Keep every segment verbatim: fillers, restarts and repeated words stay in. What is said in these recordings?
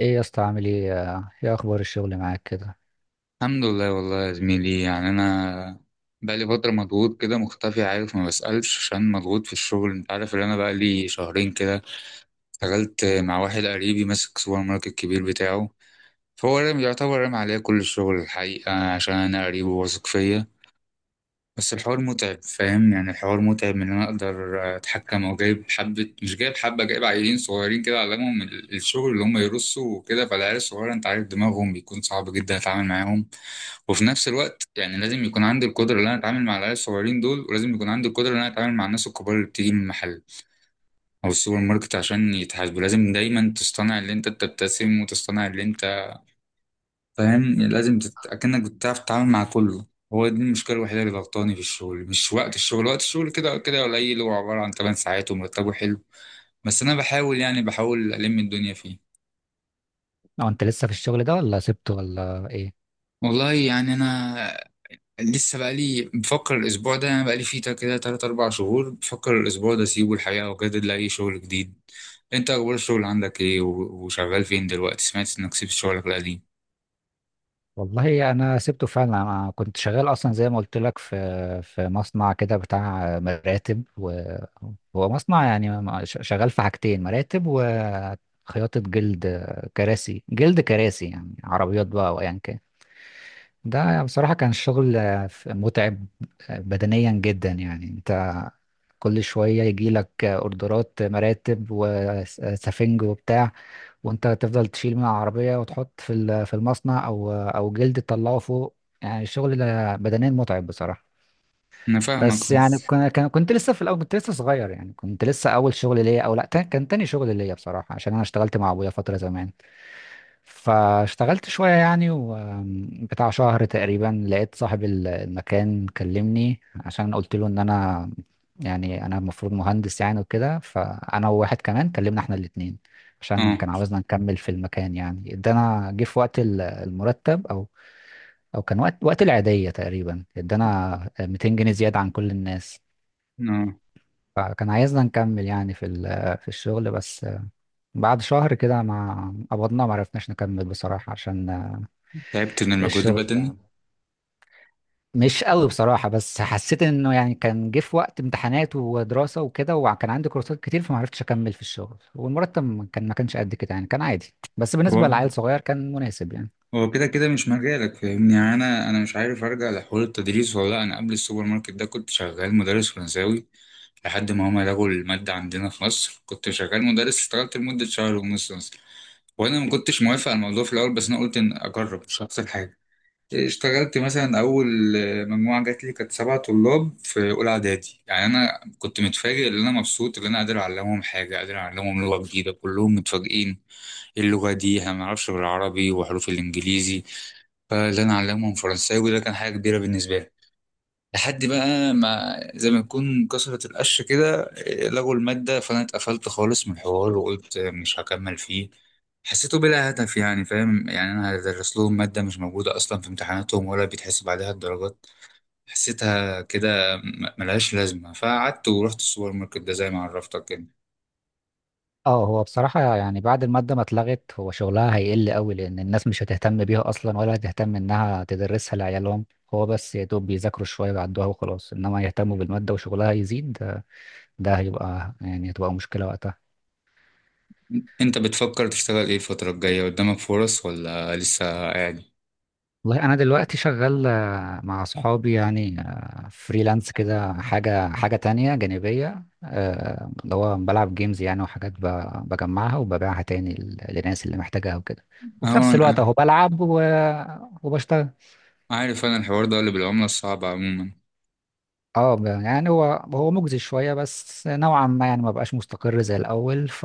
ايه يا اسطى؟ عامل ايه؟ ايه اخبار الشغل معاك كده؟ الحمد لله، والله يا زميلي. يعني انا بقالي فتره مضغوط كده، مختفي، عارف، ما بسالش عشان مضغوط في الشغل. انت عارف ان انا بقالي شهرين كده اشتغلت مع واحد قريبي ماسك سوبر ماركت كبير بتاعه. فهو رامي- يعتبر رامي عليا كل الشغل الحقيقه عشان انا قريبه واثق فيا. بس الحوار متعب، فاهم؟ يعني الحوار متعب من ان انا اقدر اتحكم، او جايب حبة مش جايب حبة، جايب عيلين صغيرين كده علمهم ال- الشغل اللي هم يرصوا وكده. فالعيال الصغيرة انت عارف دماغهم بيكون صعب جدا اتعامل معاهم. وفي نفس الوقت يعني لازم يكون عندي القدرة ان انا اتعامل مع العيال الصغيرين دول، ولازم يكون عندي القدرة ان انا اتعامل مع الناس الكبار اللي بتيجي من المحل او السوبر ماركت عشان يتحاسبوا. لازم دايما تصطنع اللي انت بتبتسم وتصطنع اللي انت فاهم، يعني لازم تت... اكنك بتعرف تتعامل مع كله. هو دي المشكله الوحيده اللي ضغطاني في الشغل. مش وقت الشغل، وقت الشغل كده كده قليل، هو عباره عن 8 ساعات ومرتبه حلو. بس انا بحاول، يعني بحاول الم الدنيا فيه. او انت لسه في الشغل ده ولا سبته ولا ايه؟ والله يعني انا لسه بقالي بفكر الاسبوع ده، انا بقالي فيه تا- كده تلاتة اربعة شهور بفكر الاسبوع ده اسيبه الحقيقه واجدد لاي شغل جديد. انت اخبار الشغل عندك ايه؟ و- وشغال فين دلوقتي؟ سمعت انك سبت شغلك القديم. والله انا سبته فعلا. انا كنت شغال اصلا زي ما قلت لك في في مصنع كده بتاع مراتب و... هو مصنع يعني م- ش- شغال في حاجتين: مراتب وخياطة جلد، كراسي جلد، كراسي يعني عربيات بقى او ايا كان. ده بصراحة كان الشغل متعب بدنيا جدا. يعني انت كل شوية يجيلك اوردرات مراتب وسفنج وبتاع، وانت تفضل تشيل من العربية وتحط في ال- في المصنع او او جلد تطلعه فوق. يعني الشغل ده بدنيا متعب بصراحة. انا فاهمك. بس يعني كان- كان- كنت لسه في الاول، كنت لسه صغير يعني، كنت لسه اول شغل ليا او لا، تا- كان تاني شغل ليا بصراحة، عشان انا اشتغلت مع ابويا فترة زمان. فاشتغلت شوية يعني وبتاع شهر تقريبا، لقيت صاحب ال- المكان كلمني عشان قلت له ان انا، يعني انا المفروض مهندس يعني وكده، فانا وواحد كمان كلمنا احنا الاتنين عشان اه. كان عاوزنا نكمل في المكان. يعني ادانا، جه في وقت ال- المرتب او او كان وقت، وقت العيدية تقريبا، ادانا مئتين جنيها زيادة عن كل الناس. اه، فكان عايزنا نكمل يعني في ال- في الشغل، بس بعد شهر كده ما قبضنا ما عرفناش نكمل بصراحة، عشان تعبت من المجهود الشغل البدني. ده مش قوي بصراحة. بس حسيت انه يعني كان جه في وقت امتحانات ودراسة وكده، وكان عندي كورسات كتير، فما عرفتش اكمل في الشغل. والمرتب ما كان ما كانش قد كده يعني، كان عادي بس بالنسبة لعيل صغير كان مناسب يعني. هو كده كده مش مجالك، فاهمني؟ يعني انا انا مش عارف ارجع لحوار التدريس ولا لا. انا قبل السوبر ماركت ده كنت شغال مدرس فرنساوي، لحد ما هما لغوا المادة عندنا في مصر. كنت شغال مدرس، اشتغلت لمدة شهر ونص مثلا. وانا ما كنتش موافق على الموضوع في الاول، بس انا قلت ان اجرب مش هخسر حاجة. اشتغلت مثلا اول آه، مجموعة جات لي كانت سبع طلاب في اولى اعدادي. يعني انا كنت متفاجئ ان انا مبسوط ان انا قادر اعلمهم حاجة، قادر اعلمهم لغة جديدة، كلهم متفاجئين: إيه اللغة دي؟ احنا ما نعرفش غير عربي وحروف الانجليزي. فاللي انا علمهم فرنساوي ده كان حاجه كبيره بالنسبه لي. لحد بقى ما زي ما يكون كسرت القش كده، إيه، لغوا الماده، فانا اتقفلت خالص من الحوار وقلت آه، مش هكمل فيه. حسيته بلا هدف، يعني فاهم؟ يعني انا هدرس لهم ماده مش موجوده اصلا في امتحاناتهم ولا بيتحسب عليها الدرجات. حسيتها كده م- ملهاش لازمه، فقعدت ورحت السوبر ماركت ده زي ما عرفتك كده. اه، هو بصراحة يعني بعد المادة ما اتلغت، هو شغلها هيقل قوي لان الناس مش هتهتم بيها اصلا، ولا هتهتم انها تدرسها لعيالهم. هو بس يا دوب بيذاكروا شوية ويعدوها وخلاص، انما يهتموا بالمادة وشغلها يزيد، ده ده هيبقى يعني هتبقى مشكلة وقتها. انت بتفكر تشتغل ايه الفتره الجايه؟ قدامك فرص ولا لسه قاعد؟ والله انا دلوقتي شغال آه، مع صحابي يعني، آه، فريلانس كده، حاجه حاجه تانية جانبيه، آه، اللي هو بلعب جيمز يعني، وحاجات ب- بجمعها وببيعها تاني ل- للناس اللي محتاجاها وكده. وفي اهو. نفس الوقت انا اهو بلعب و- وبشتغل. عارف انا الحوار ده اللي بالعملة الصعبة عموما. اه، ب- يعني هو هو مجزي شويه بس نوعا ما يعني، ما بقاش مستقر زي الاول. ف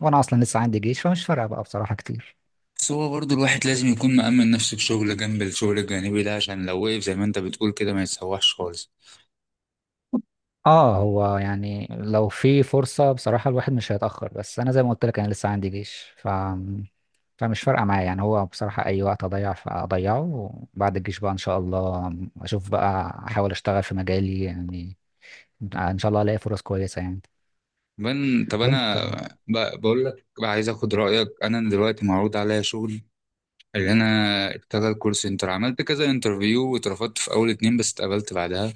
وانا اصلا لسه عندي جيش، فمش فارقه بقى بصراحه كتير. بس هو برضه الواحد لازم يكون مأمن نفسه بشغل جنب الشغل الجانبي ده، عشان لو وقف زي ما انت بتقول كده ما يتسوحش خالص. اه، هو يعني لو في فرصة بصراحة الواحد مش هيتأخر، بس أنا زي ما قلت لك أنا لسه عندي جيش، ف... فمش فارقة معايا يعني. هو بصراحة أي وقت أضيع فأضيعه. وبعد الجيش بقى إن شاء الله أشوف بقى، أحاول أشتغل في مجالي يعني. آه، إن شاء الله ألاقي فرص كويسة يعني. بن طب وأنت، انا ب- بقول لك بقى، عايز اخد رأيك. انا دلوقتي معروض عليا شغل اللي انا اشتغل كول سنتر. عملت كذا انترفيو واترفضت في اول اتنين بس اتقبلت بعدها.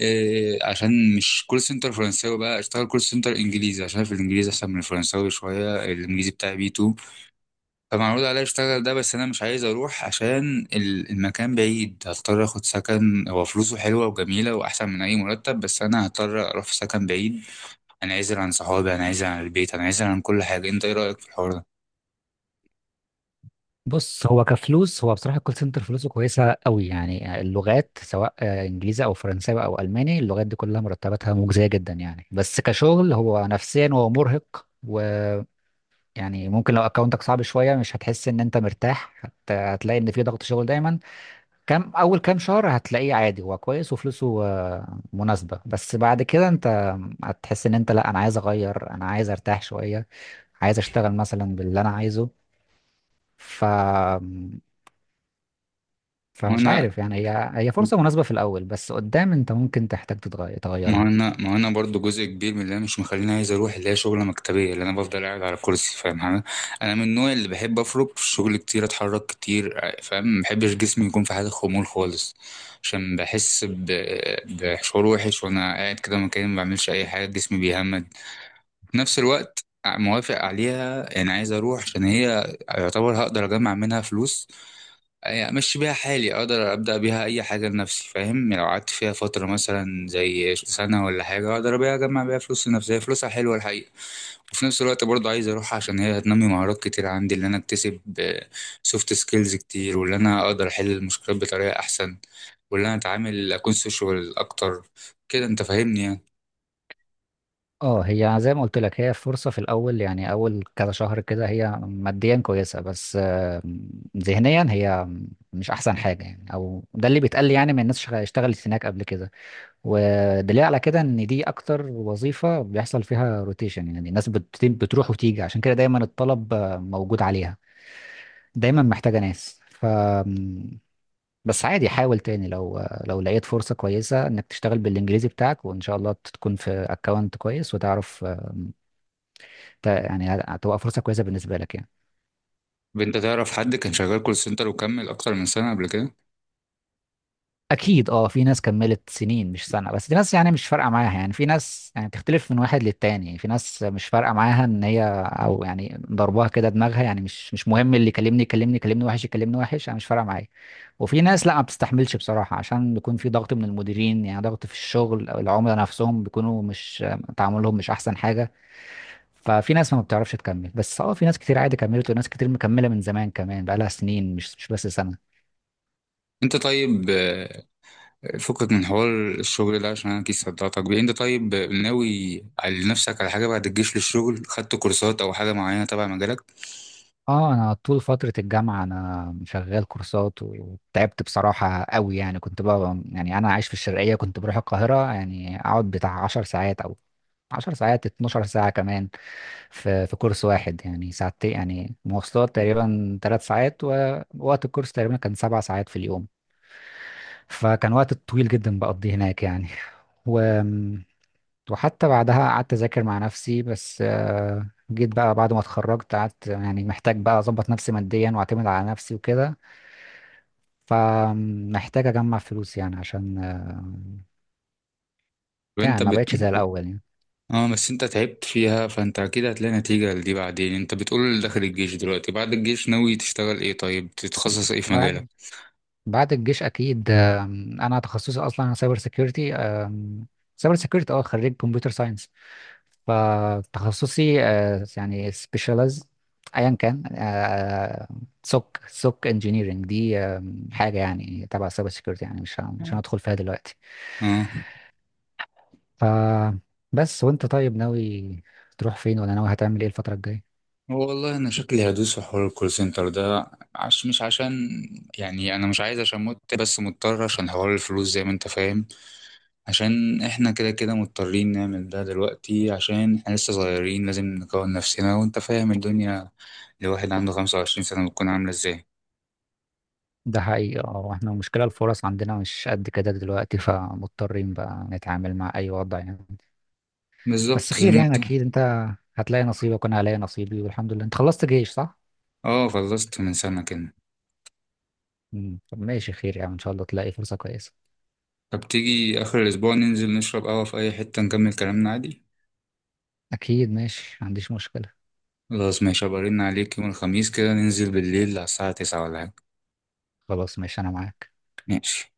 إيه عشان مش كول سنتر فرنساوي بقى، اشتغل كول سنتر انجليزي عشان في الانجليزي احسن من الفرنساوي شوية. الانجليزي بتاعي بي 2. طب معروض عليا اشتغل ده، بس انا مش عايز اروح عشان ال- المكان بعيد. هضطر اخد سكن. هو فلوسه حلوه وجميله واحسن من اي مرتب، بس انا هضطر اروح في سكن بعيد. انا عايز عن صحابي، انا عايز عن البيت، انا عايز عن كل حاجه. انت ايه رايك في الحوار ده؟ بص، هو كفلوس، هو بصراحة الكول سنتر فلوسه كويسة قوي يعني. اللغات سواء آه، إنجليزي أو فرنساوي أو ألماني، اللغات دي كلها مرتباتها مجزية جدا يعني. بس كشغل هو نفسيا هو مرهق. يعني ممكن لو اكونتك صعب شويه، مش هتحس ان انت مرتاح، هت... هتلاقي ان في ضغط شغل دايما. كام اول كام شهر هتلاقيه عادي، هو كويس وفلوسه آه، مناسبه، بس بعد كده انت هتحس ان انت لا، انا عايز اغير، انا عايز ارتاح شويه، عايز اشتغل مثلا باللي انا عايزه. ف فمش وانا عارف يعني، هي هي فرصه مناسبه في الاول، بس قدام انت ممكن تحتاج تتغير ما هو تغيرها. انا ما هو انا برضو جزء كبير من اللي انا مش مخليني عايز اروح اللي هي شغله مكتبيه، اللي انا بفضل قاعد على كرسي فاهم حاجه. انا من النوع اللي بحب اخرج في الشغل كتير، اتحرك كتير فاهم. ما بحبش جسمي يكون في حاله خمول خالص، عشان بحس ب... بشعور وحش وانا قاعد كده مكاني ما بعملش اي حاجه، جسمي بيهمد. في نفس الوقت موافق عليها، يعني عايز اروح عشان هي يعتبر هقدر اجمع منها فلوس. يعني امشي بيها حالي، اقدر ابدا بيها اي حاجه لنفسي. فاهم يعني لو قعدت فيها فتره مثلا زي سنه ولا حاجه اقدر بيها اجمع بيها فلوس لنفسي. هي فلوسها حلوه الحقيقه. وفي نفس الوقت برضه عايز اروح عشان هي هتنمي مهارات كتير عندي، اللي انا اكتسب سوفت سكيلز كتير، واللي انا اقدر احل المشكلات بطريقه احسن، واللي انا اتعامل اكون سوشيال اكتر. كده انت فاهمني يعني. اه، هي زي ما قلت لك، هي فرصة في الأول يعني أول كذا شهر كده، هي ماديا كويسة بس آه، ذهنيا هي مش أحسن حاجة يعني، أو ده اللي بيتقال لي يعني. من الناس شغ- اشتغلت هناك قبل كده، ودليل على كده إن دي أكتر وظيفة بيحصل فيها روتيشن. يعني الناس بت- بتروح وتيجي، عشان كده دايما الطلب آه، موجود عليها، دايما محتاجة ناس. ف بس عادي حاول تاني، لو لو لقيت فرصة كويسة انك تشتغل بالانجليزي بتاعك، وان شاء الله تكون في اكونت كويس وتعرف ت- يعني هتبقى فرصة كويسة بالنسبة لك يعني. طب انت تعرف حد كان شغال كول سنتر وكمل اكتر من سنه قبل كده؟ أكيد أه، في ناس كملت سنين مش سنة بس، دي ناس يعني مش فارقة معاها يعني. في ناس يعني تختلف من واحد للتاني، في ناس مش فارقة معاها إن هي أو يعني ضربها كده دماغها يعني، مش مش مهم اللي يكلمني، يكلمني يكلمني وحش، يكلمني وحش، أنا مش فارقة معايا. وفي ناس لا ما بتستحملش بصراحة، عشان بيكون في ضغط من المديرين يعني، ضغط في الشغل أو العملاء نفسهم بيكونوا مش، تعاملهم مش أحسن حاجة. ففي ناس ما بتعرفش تكمل. بس اه في ناس كتير عادي كملت، وناس كتير مكملة من زمان كمان، بقالها سنين مش مش بس سنة. انت طيب، فكك من حوار الشغل ده عشان انا كيس صدعتك بيه. انت طيب ناوي على نفسك على حاجه بعد الجيش للشغل؟ خدت كورسات او حاجه معينه تبع مجالك؟ اه انا طول فترة الجامعة انا شغال كورسات، وتعبت بصراحة قوي يعني. كنت بقى يعني، انا عايش في الشرقية كنت بروح القاهرة يعني، اقعد بتاع 10 ساعات او 10 ساعات، 12 ساعة كمان في في كورس واحد يعني. ساعتين يعني مواصلات تقريبا، 3 ساعات، ووقت الكورس تقريبا كان 7 ساعات في اليوم. فكان وقت طويل جدا بقضيه هناك يعني. وحتى بعدها قعدت أذاكر مع نفسي، بس آه، جيت بقى بعد ما اتخرجت، قعدت يعني محتاج بقى أظبط نفسي ماديا وأعتمد على نفسي وكده، فمحتاج أجمع فلوس يعني عشان آه، يعني وانت ما بت بقتش زي الأول يعني. اه، بس انت تعبت فيها فانت اكيد هتلاقي نتيجه لدي بعدين. انت بتقول داخل الجيش دلوقتي؟ بعد الجيش ناوي تشتغل ايه؟ طيب تتخصص ايه في بعد مجالك؟ بعد الجيش أكيد، آم، أنا تخصصي أصلا سايبر سيكيورتي. سايبر سيكيورتي، أه، خريج كمبيوتر ساينس. فتخصصي آه، يعني سبيشالايز، ايا كان، آه، سوك سوك انجينيرنج دي، آه، حاجه يعني تبع سايبر سيكيورتي. يعني مش ه- مش هندخل فيها دلوقتي. اه. ف بس وانت طيب، ناوي تروح فين؟ ولا ناوي هتعمل ايه الفتره الجايه؟ والله انا شكلي هدوس في حوار الكول سنتر ده، عش مش عشان يعني انا مش عايز عشان مت بس مضطر عشان حوار الفلوس زي ما انت فاهم. عشان احنا كده كده مضطرين نعمل ده دلوقتي عشان احنا لسه صغيرين، لازم نكون نفسنا. وانت فاهم الدنيا لواحد عنده خمسة وعشرين سنة بتكون عاملة ازاي. ده حقيقي، اه. احنا المشكله الفرص عندنا مش قد كده دلوقتي، فمضطرين بقى نتعامل مع اي وضع يعني. بس بالظبط زي خير ما يعني، قلت. اكيد انت هتلاقي نصيبك وانا هلاقي نصيبي والحمد لله. انت خلصت جيش، صح؟ اه، خلصت من سنة كده. مم. طب ماشي، خير يعني ان شاء الله تلاقي فرصه كويسه. طب تيجي آخر الأسبوع ننزل نشرب قهوة في أي حتة نكمل كلامنا عادي؟ اكيد ماشي، ما عنديش مشكلة. خلاص ماشي، هبقى ارن عليك يوم الخميس كده ننزل بالليل على الساعة تسعة ولا حاجة. خلاص ماشي انا معاك. ماشي.